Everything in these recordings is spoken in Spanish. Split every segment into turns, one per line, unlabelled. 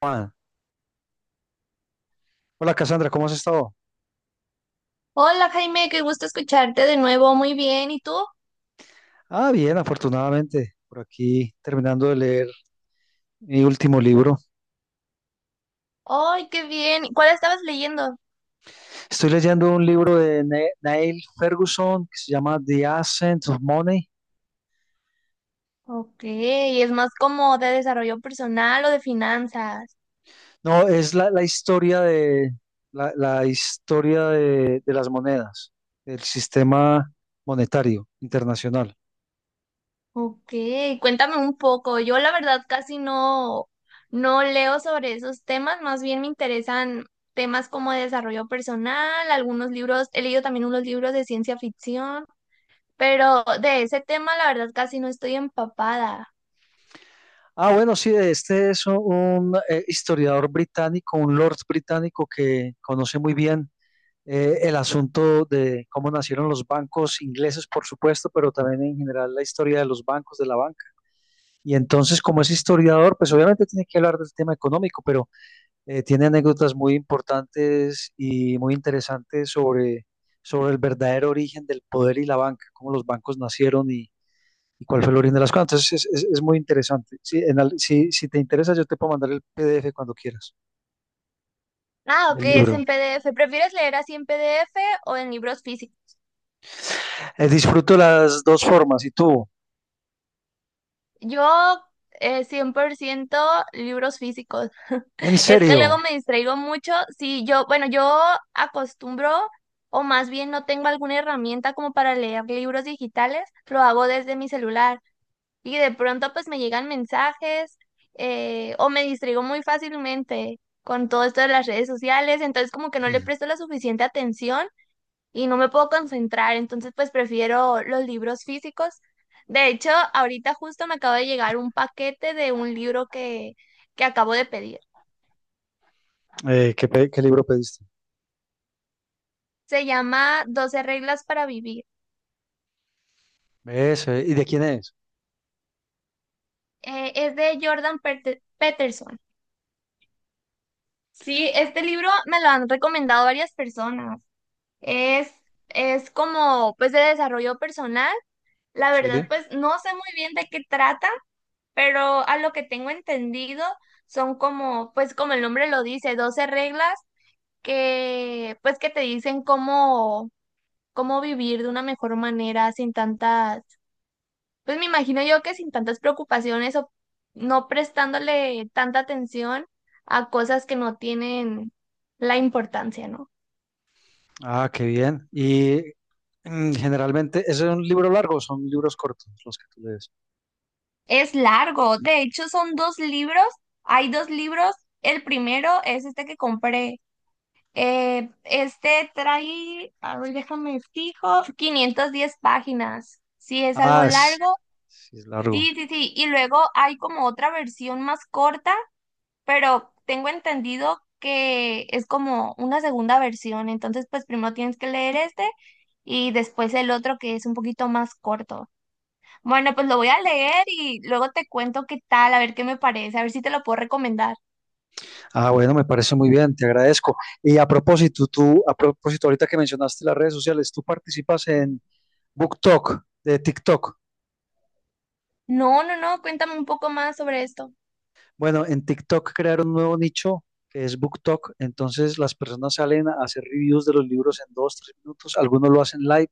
Juan. Hola Cassandra, ¿cómo has estado?
Hola Jaime, qué gusto escucharte de nuevo. Muy bien, ¿y tú?
Ah, bien, afortunadamente, por aquí terminando de leer mi último libro.
¡Ay, qué bien! ¿Cuál estabas leyendo?
Estoy leyendo un libro de Neil Ferguson que se llama The Ascent of Money.
Ok, es más como de desarrollo personal o de finanzas.
No, es la historia de la historia de las monedas, del sistema monetario internacional.
Ok, cuéntame un poco. Yo la verdad casi no leo sobre esos temas, más bien me interesan temas como de desarrollo personal, algunos libros, he leído también unos libros de ciencia ficción, pero de ese tema la verdad casi no estoy empapada.
Ah, bueno, sí, este es un historiador británico, un lord británico que conoce muy bien el asunto de cómo nacieron los bancos ingleses, por supuesto, pero también en general la historia de los bancos, de la banca. Y entonces, como es historiador, pues obviamente tiene que hablar del tema económico, pero tiene anécdotas muy importantes y muy interesantes sobre el verdadero origen del poder y la banca, cómo los bancos nacieron y cuál fue el origen de las cosas. Entonces, es muy interesante. Si, en al- si, si te interesa, yo te puedo mandar el PDF cuando quieras
Ah, ok,
del
es
libro.
en PDF. ¿Prefieres leer así en PDF o en libros físicos?
Disfruto las dos formas. ¿Y tú?
Yo, 100% libros físicos.
¿En
Es que
serio?
luego me distraigo mucho. Sí, yo, bueno, yo acostumbro, o más bien no tengo alguna herramienta como para leer libros digitales, lo hago desde mi celular. Y de pronto pues me llegan mensajes, o me distraigo muy fácilmente con todo esto de las redes sociales, entonces como que no le presto la suficiente atención y no me puedo concentrar, entonces pues prefiero los libros físicos. De hecho, ahorita justo me acaba de llegar un paquete de un libro que acabo de pedir.
¿ Qué libro pediste?
Se llama 12 reglas para vivir.
Eso, ¿y de quién es?
Es de Peterson. Sí, este libro me lo han recomendado varias personas. Es, es como pues de desarrollo personal. La
Sí.
verdad, pues no sé muy bien de qué trata, pero a lo que tengo entendido son como, pues como el nombre lo dice, 12 reglas que pues que te dicen cómo vivir de una mejor manera sin tantas, pues me imagino yo que sin tantas preocupaciones o no prestándole tanta atención a cosas que no tienen la importancia, ¿no?
Ah, qué bien. Y generalmente, ¿eso es un libro largo o son libros cortos los que tú lees?
Es largo, de hecho son dos libros, hay dos libros, el primero es este que compré, este trae, a ver, déjame fijo, 510 páginas, sí es algo
Ah, es,
largo.
sí, es largo.
Sí, sí, sí. Y luego hay como otra versión más corta, pero tengo entendido que es como una segunda versión. Entonces, pues primero tienes que leer este y después el otro que es un poquito más corto. Bueno, pues lo voy a leer y luego te cuento qué tal, a ver qué me parece, a ver si te lo puedo recomendar.
Ah, bueno, me parece muy bien, te agradezco. Y a propósito, tú, a propósito, ahorita que mencionaste las redes sociales, tú participas en BookTok, de TikTok.
No, no, no, cuéntame un poco más sobre esto.
Bueno, en TikTok crearon un nuevo nicho que es BookTok, entonces las personas salen a hacer reviews de los libros en dos, tres minutos, algunos lo hacen live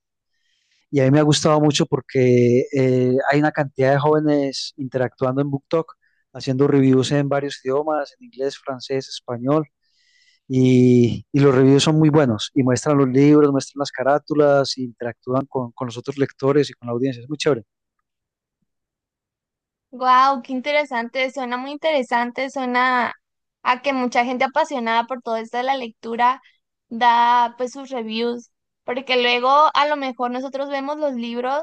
y a mí me ha gustado mucho porque hay una cantidad de jóvenes interactuando en BookTok, haciendo reviews en varios idiomas, en inglés, francés, español, y los reviews son muy buenos y muestran los libros, muestran las carátulas, e interactúan con los otros lectores y con la audiencia. Es muy chévere.
Wow, qué interesante, suena muy interesante, suena a que mucha gente apasionada por todo esto de la lectura da pues sus reviews, porque luego a lo mejor nosotros vemos los libros,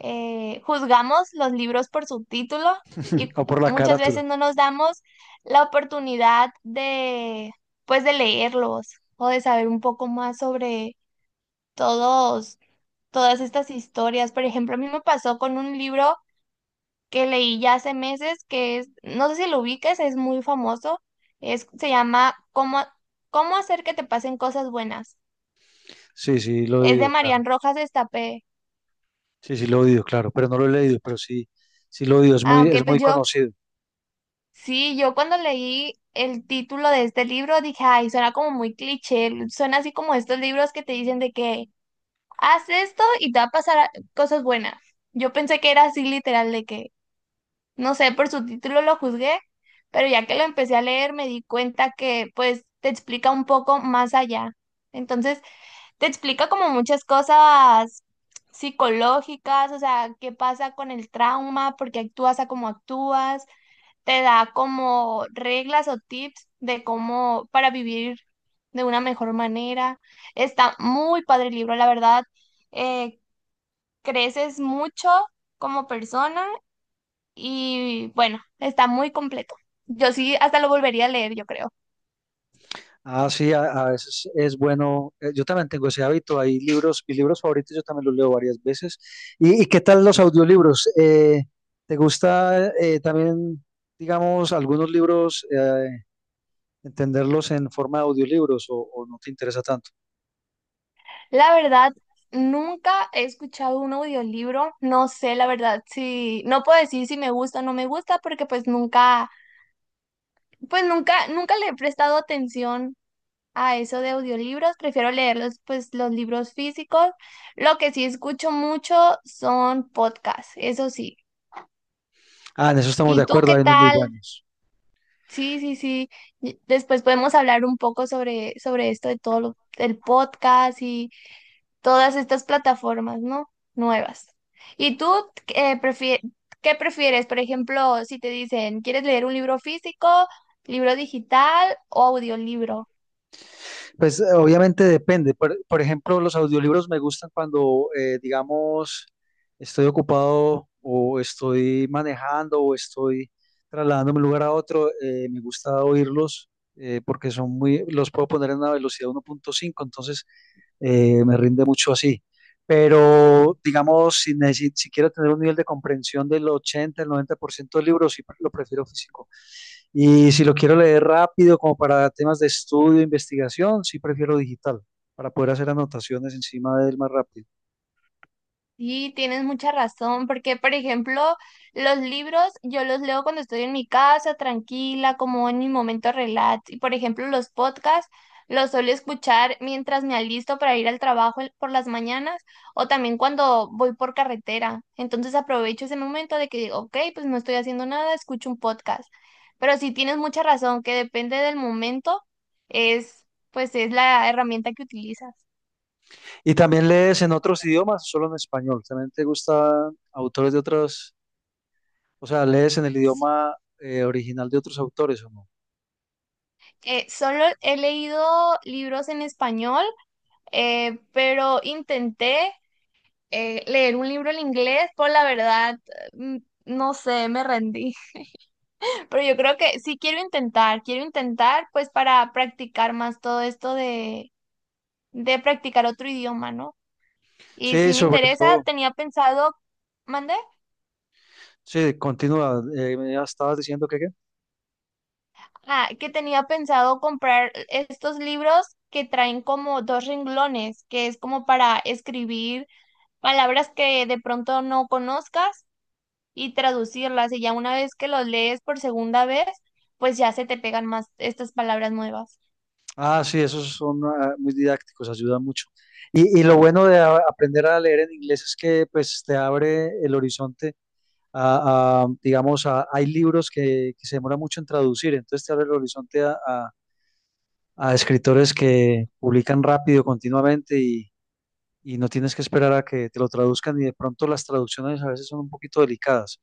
juzgamos los libros por su título y
O por la
muchas
carátula.
veces no nos damos la oportunidad de pues de leerlos o de saber un poco más sobre todos, todas estas historias. Por ejemplo, a mí me pasó con un libro que leí ya hace meses, que es, no sé si lo ubicas, es muy famoso, es, se llama cómo hacer que te pasen cosas buenas?
Sí, sí, lo he
Es de
oído, claro.
Marian Rojas Estapé.
Sí, sí, lo he oído, claro, pero no lo he leído, pero sí, sí lo he oído.
Ah, ok,
Es
pues
muy
yo,
conocido.
sí, yo cuando leí el título de este libro dije, ay, suena como muy cliché, suena así como estos libros que te dicen de que haz esto y te va a pasar cosas buenas. Yo pensé que era así literal de que no sé, por su título lo juzgué, pero ya que lo empecé a leer me di cuenta que pues te explica un poco más allá. Entonces, te explica como muchas cosas psicológicas, o sea, qué pasa con el trauma, por qué actúas a como actúas, te da como reglas o tips de cómo para vivir de una mejor manera. Está muy padre el libro, la verdad. eh, Creces mucho como persona y bueno, está muy completo. Yo sí, hasta lo volvería a leer, yo creo.
Ah, sí, a veces es bueno. Yo también tengo ese hábito. Hay libros, mis libros favoritos, yo también los leo varias veces. Y qué tal los audiolibros? ¿Te gusta también, digamos, algunos libros, entenderlos en forma de audiolibros o no te interesa tanto?
La verdad, nunca he escuchado un audiolibro. No sé, la verdad, si no puedo decir si me gusta o no me gusta, porque pues nunca, pues nunca le he prestado atención a eso de audiolibros. Prefiero leerlos, pues, los libros físicos. Lo que sí escucho mucho son podcasts, eso sí.
Ah, en eso estamos de
¿Y tú
acuerdo,
qué
hay unos muy
tal?
buenos.
Sí, sí, sí. Y después podemos hablar un poco sobre esto de todo el podcast y todas estas plataformas, ¿no? Nuevas. ¿Y tú eh, prefie- qué prefieres? Por ejemplo, si te dicen, ¿quieres leer un libro físico, libro digital o audiolibro?
Pues obviamente depende. Por ejemplo, los audiolibros me gustan cuando, digamos, estoy ocupado o estoy manejando o estoy trasladándome de un lugar a otro. Me gusta oírlos porque son muy, los puedo poner en una velocidad 1.5, entonces me rinde mucho así. Pero, digamos, si quiero tener un nivel de comprensión del 80, el 90% del libro, lo prefiero físico. Y si lo quiero leer rápido, como para temas de estudio, investigación, sí prefiero digital, para poder hacer anotaciones encima de él más rápido.
Sí, tienes mucha razón, porque por ejemplo, los libros yo los leo cuando estoy en mi casa, tranquila, como en mi momento relax. Y por ejemplo, los podcasts los suelo escuchar mientras me alisto para ir al trabajo por las mañanas o también cuando voy por carretera. Entonces aprovecho ese momento de que digo, ok, pues no estoy haciendo nada, escucho un podcast. Pero sí tienes mucha razón, que depende del momento, es pues es la herramienta que utilizas.
¿Y también lees en otros idiomas, solo en español? ¿También te gustan autores de otros, o sea, lees en el idioma original de otros autores o no?
Solo he leído libros en español, pero intenté leer un libro en inglés, por la verdad, mm, no sé, me rendí. Pero yo creo que sí quiero intentar pues para practicar más todo esto de practicar otro idioma, ¿no? Y
Sí,
si me
sobre
interesa,
todo,
tenía pensado, ¿mandé?
sí, continúa, me estabas diciendo que qué.
Ah, que tenía pensado comprar estos libros que traen como dos renglones, que es como para escribir palabras que de pronto no conozcas y traducirlas. Y ya una vez que los lees por segunda vez, pues ya se te pegan más estas palabras nuevas.
Ah, sí, esos son ah, muy didácticos, ayudan mucho. Y lo bueno de aprender a leer en inglés es que pues te abre el horizonte a, digamos, a- hay libros que se demora mucho en traducir, entonces te abre el horizonte a escritores que publican rápido, continuamente y no tienes que esperar a que te lo traduzcan y de pronto las traducciones a veces son un poquito delicadas,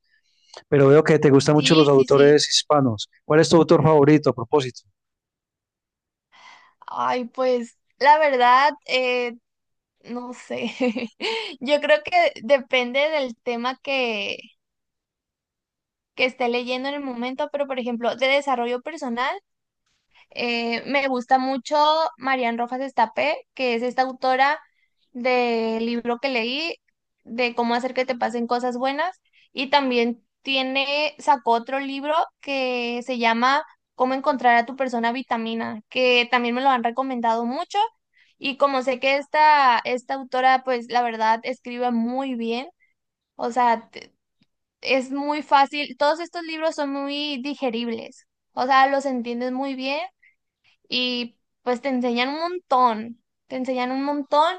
pero veo que te gustan mucho los
Sí, sí, sí.
autores hispanos. ¿Cuál es tu autor favorito a propósito?
Ay, pues la verdad, no sé. Yo creo que depende del tema que esté leyendo en el momento, pero por ejemplo, de desarrollo personal. Me gusta mucho Marian Rojas Estapé, que es esta autora del libro que leí, de cómo hacer que te pasen cosas buenas. Y también tiene, sacó otro libro que se llama Cómo encontrar a tu persona vitamina, que también me lo han recomendado mucho. Y como sé que esta autora, pues la verdad, escribe muy bien, o sea, es muy fácil. Todos estos libros son muy digeribles, o sea, los entiendes muy bien y pues te enseñan un montón, te enseñan un montón.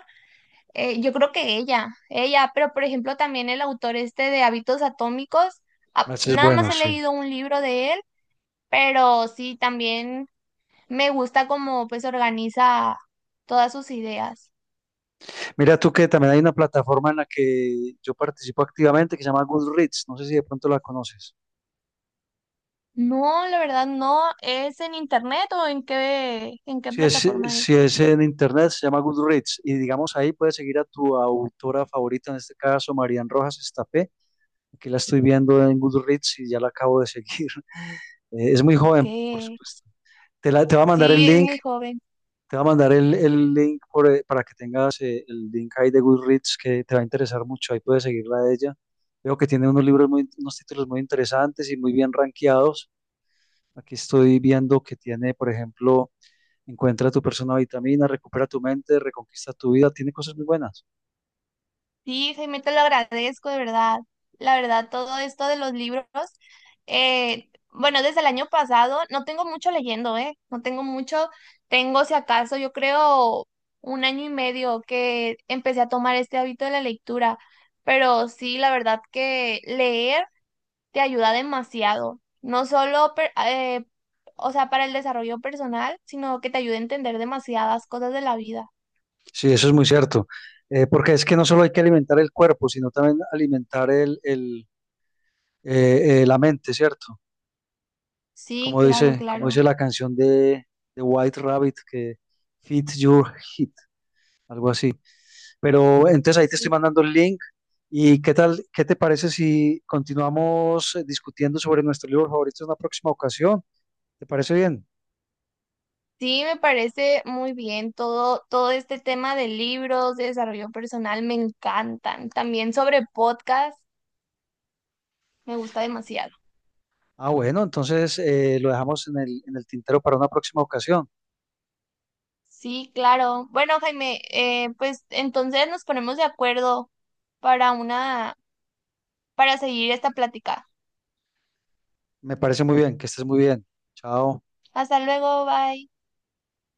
Yo creo que ella, pero por ejemplo también el autor este de Hábitos Atómicos,
Ese es
nada más
bueno,
he
sí.
leído un libro de él, pero sí también me gusta cómo pues organiza todas sus ideas.
Mira tú que también hay una plataforma en la que yo participo activamente que se llama Goodreads. No sé si de pronto la conoces.
No, la verdad no, ¿es en internet o en en qué plataforma
Si
es?
es en internet, se llama Goodreads. Y digamos ahí puedes seguir a tu autora favorita, en este caso Marian Rojas Estapé. Aquí la estoy viendo en Goodreads y ya la acabo de seguir. Es muy joven, por
Que
supuesto. Te va a mandar el
sí, es
link.
muy joven.
Te va a mandar el link por, para que tengas el link ahí de Goodreads que te va a interesar mucho. Ahí puedes seguirla a ella. Veo que tiene unos libros muy, unos títulos muy interesantes y muy bien rankeados. Aquí estoy viendo que tiene, por ejemplo, Encuentra tu persona vitamina, recupera tu mente, reconquista tu vida. Tiene cosas muy buenas.
Sí, Jaime, te lo agradezco, de verdad. La verdad, todo esto de los libros, bueno, desde el año pasado no tengo mucho leyendo, ¿eh? No tengo mucho, tengo si acaso, yo creo 1 año y medio que empecé a tomar este hábito de la lectura, pero sí, la verdad que leer te ayuda demasiado, no solo, o sea, para el desarrollo personal, sino que te ayuda a entender demasiadas cosas de la vida.
Sí, eso es muy cierto. Porque es que no solo hay que alimentar el cuerpo, sino también alimentar la mente, ¿cierto?
Sí, claro,
Como
claro.
dice la canción de White Rabbit, que Fit Your Hit, algo así. Pero entonces ahí te estoy
Sí.
mandando el link. ¿Y qué tal, qué te parece si continuamos discutiendo sobre nuestro libro favorito en una próxima ocasión? ¿Te parece bien?
Sí, me parece muy bien todo, todo este tema de libros, de desarrollo personal, me encantan. También sobre podcast, me gusta demasiado.
Ah, bueno, entonces lo dejamos en el tintero para una próxima ocasión.
Sí, claro. Bueno, Jaime, pues entonces nos ponemos de acuerdo para una, para seguir esta plática.
Me parece muy bien, que estés muy bien. Chao.
Hasta luego, bye.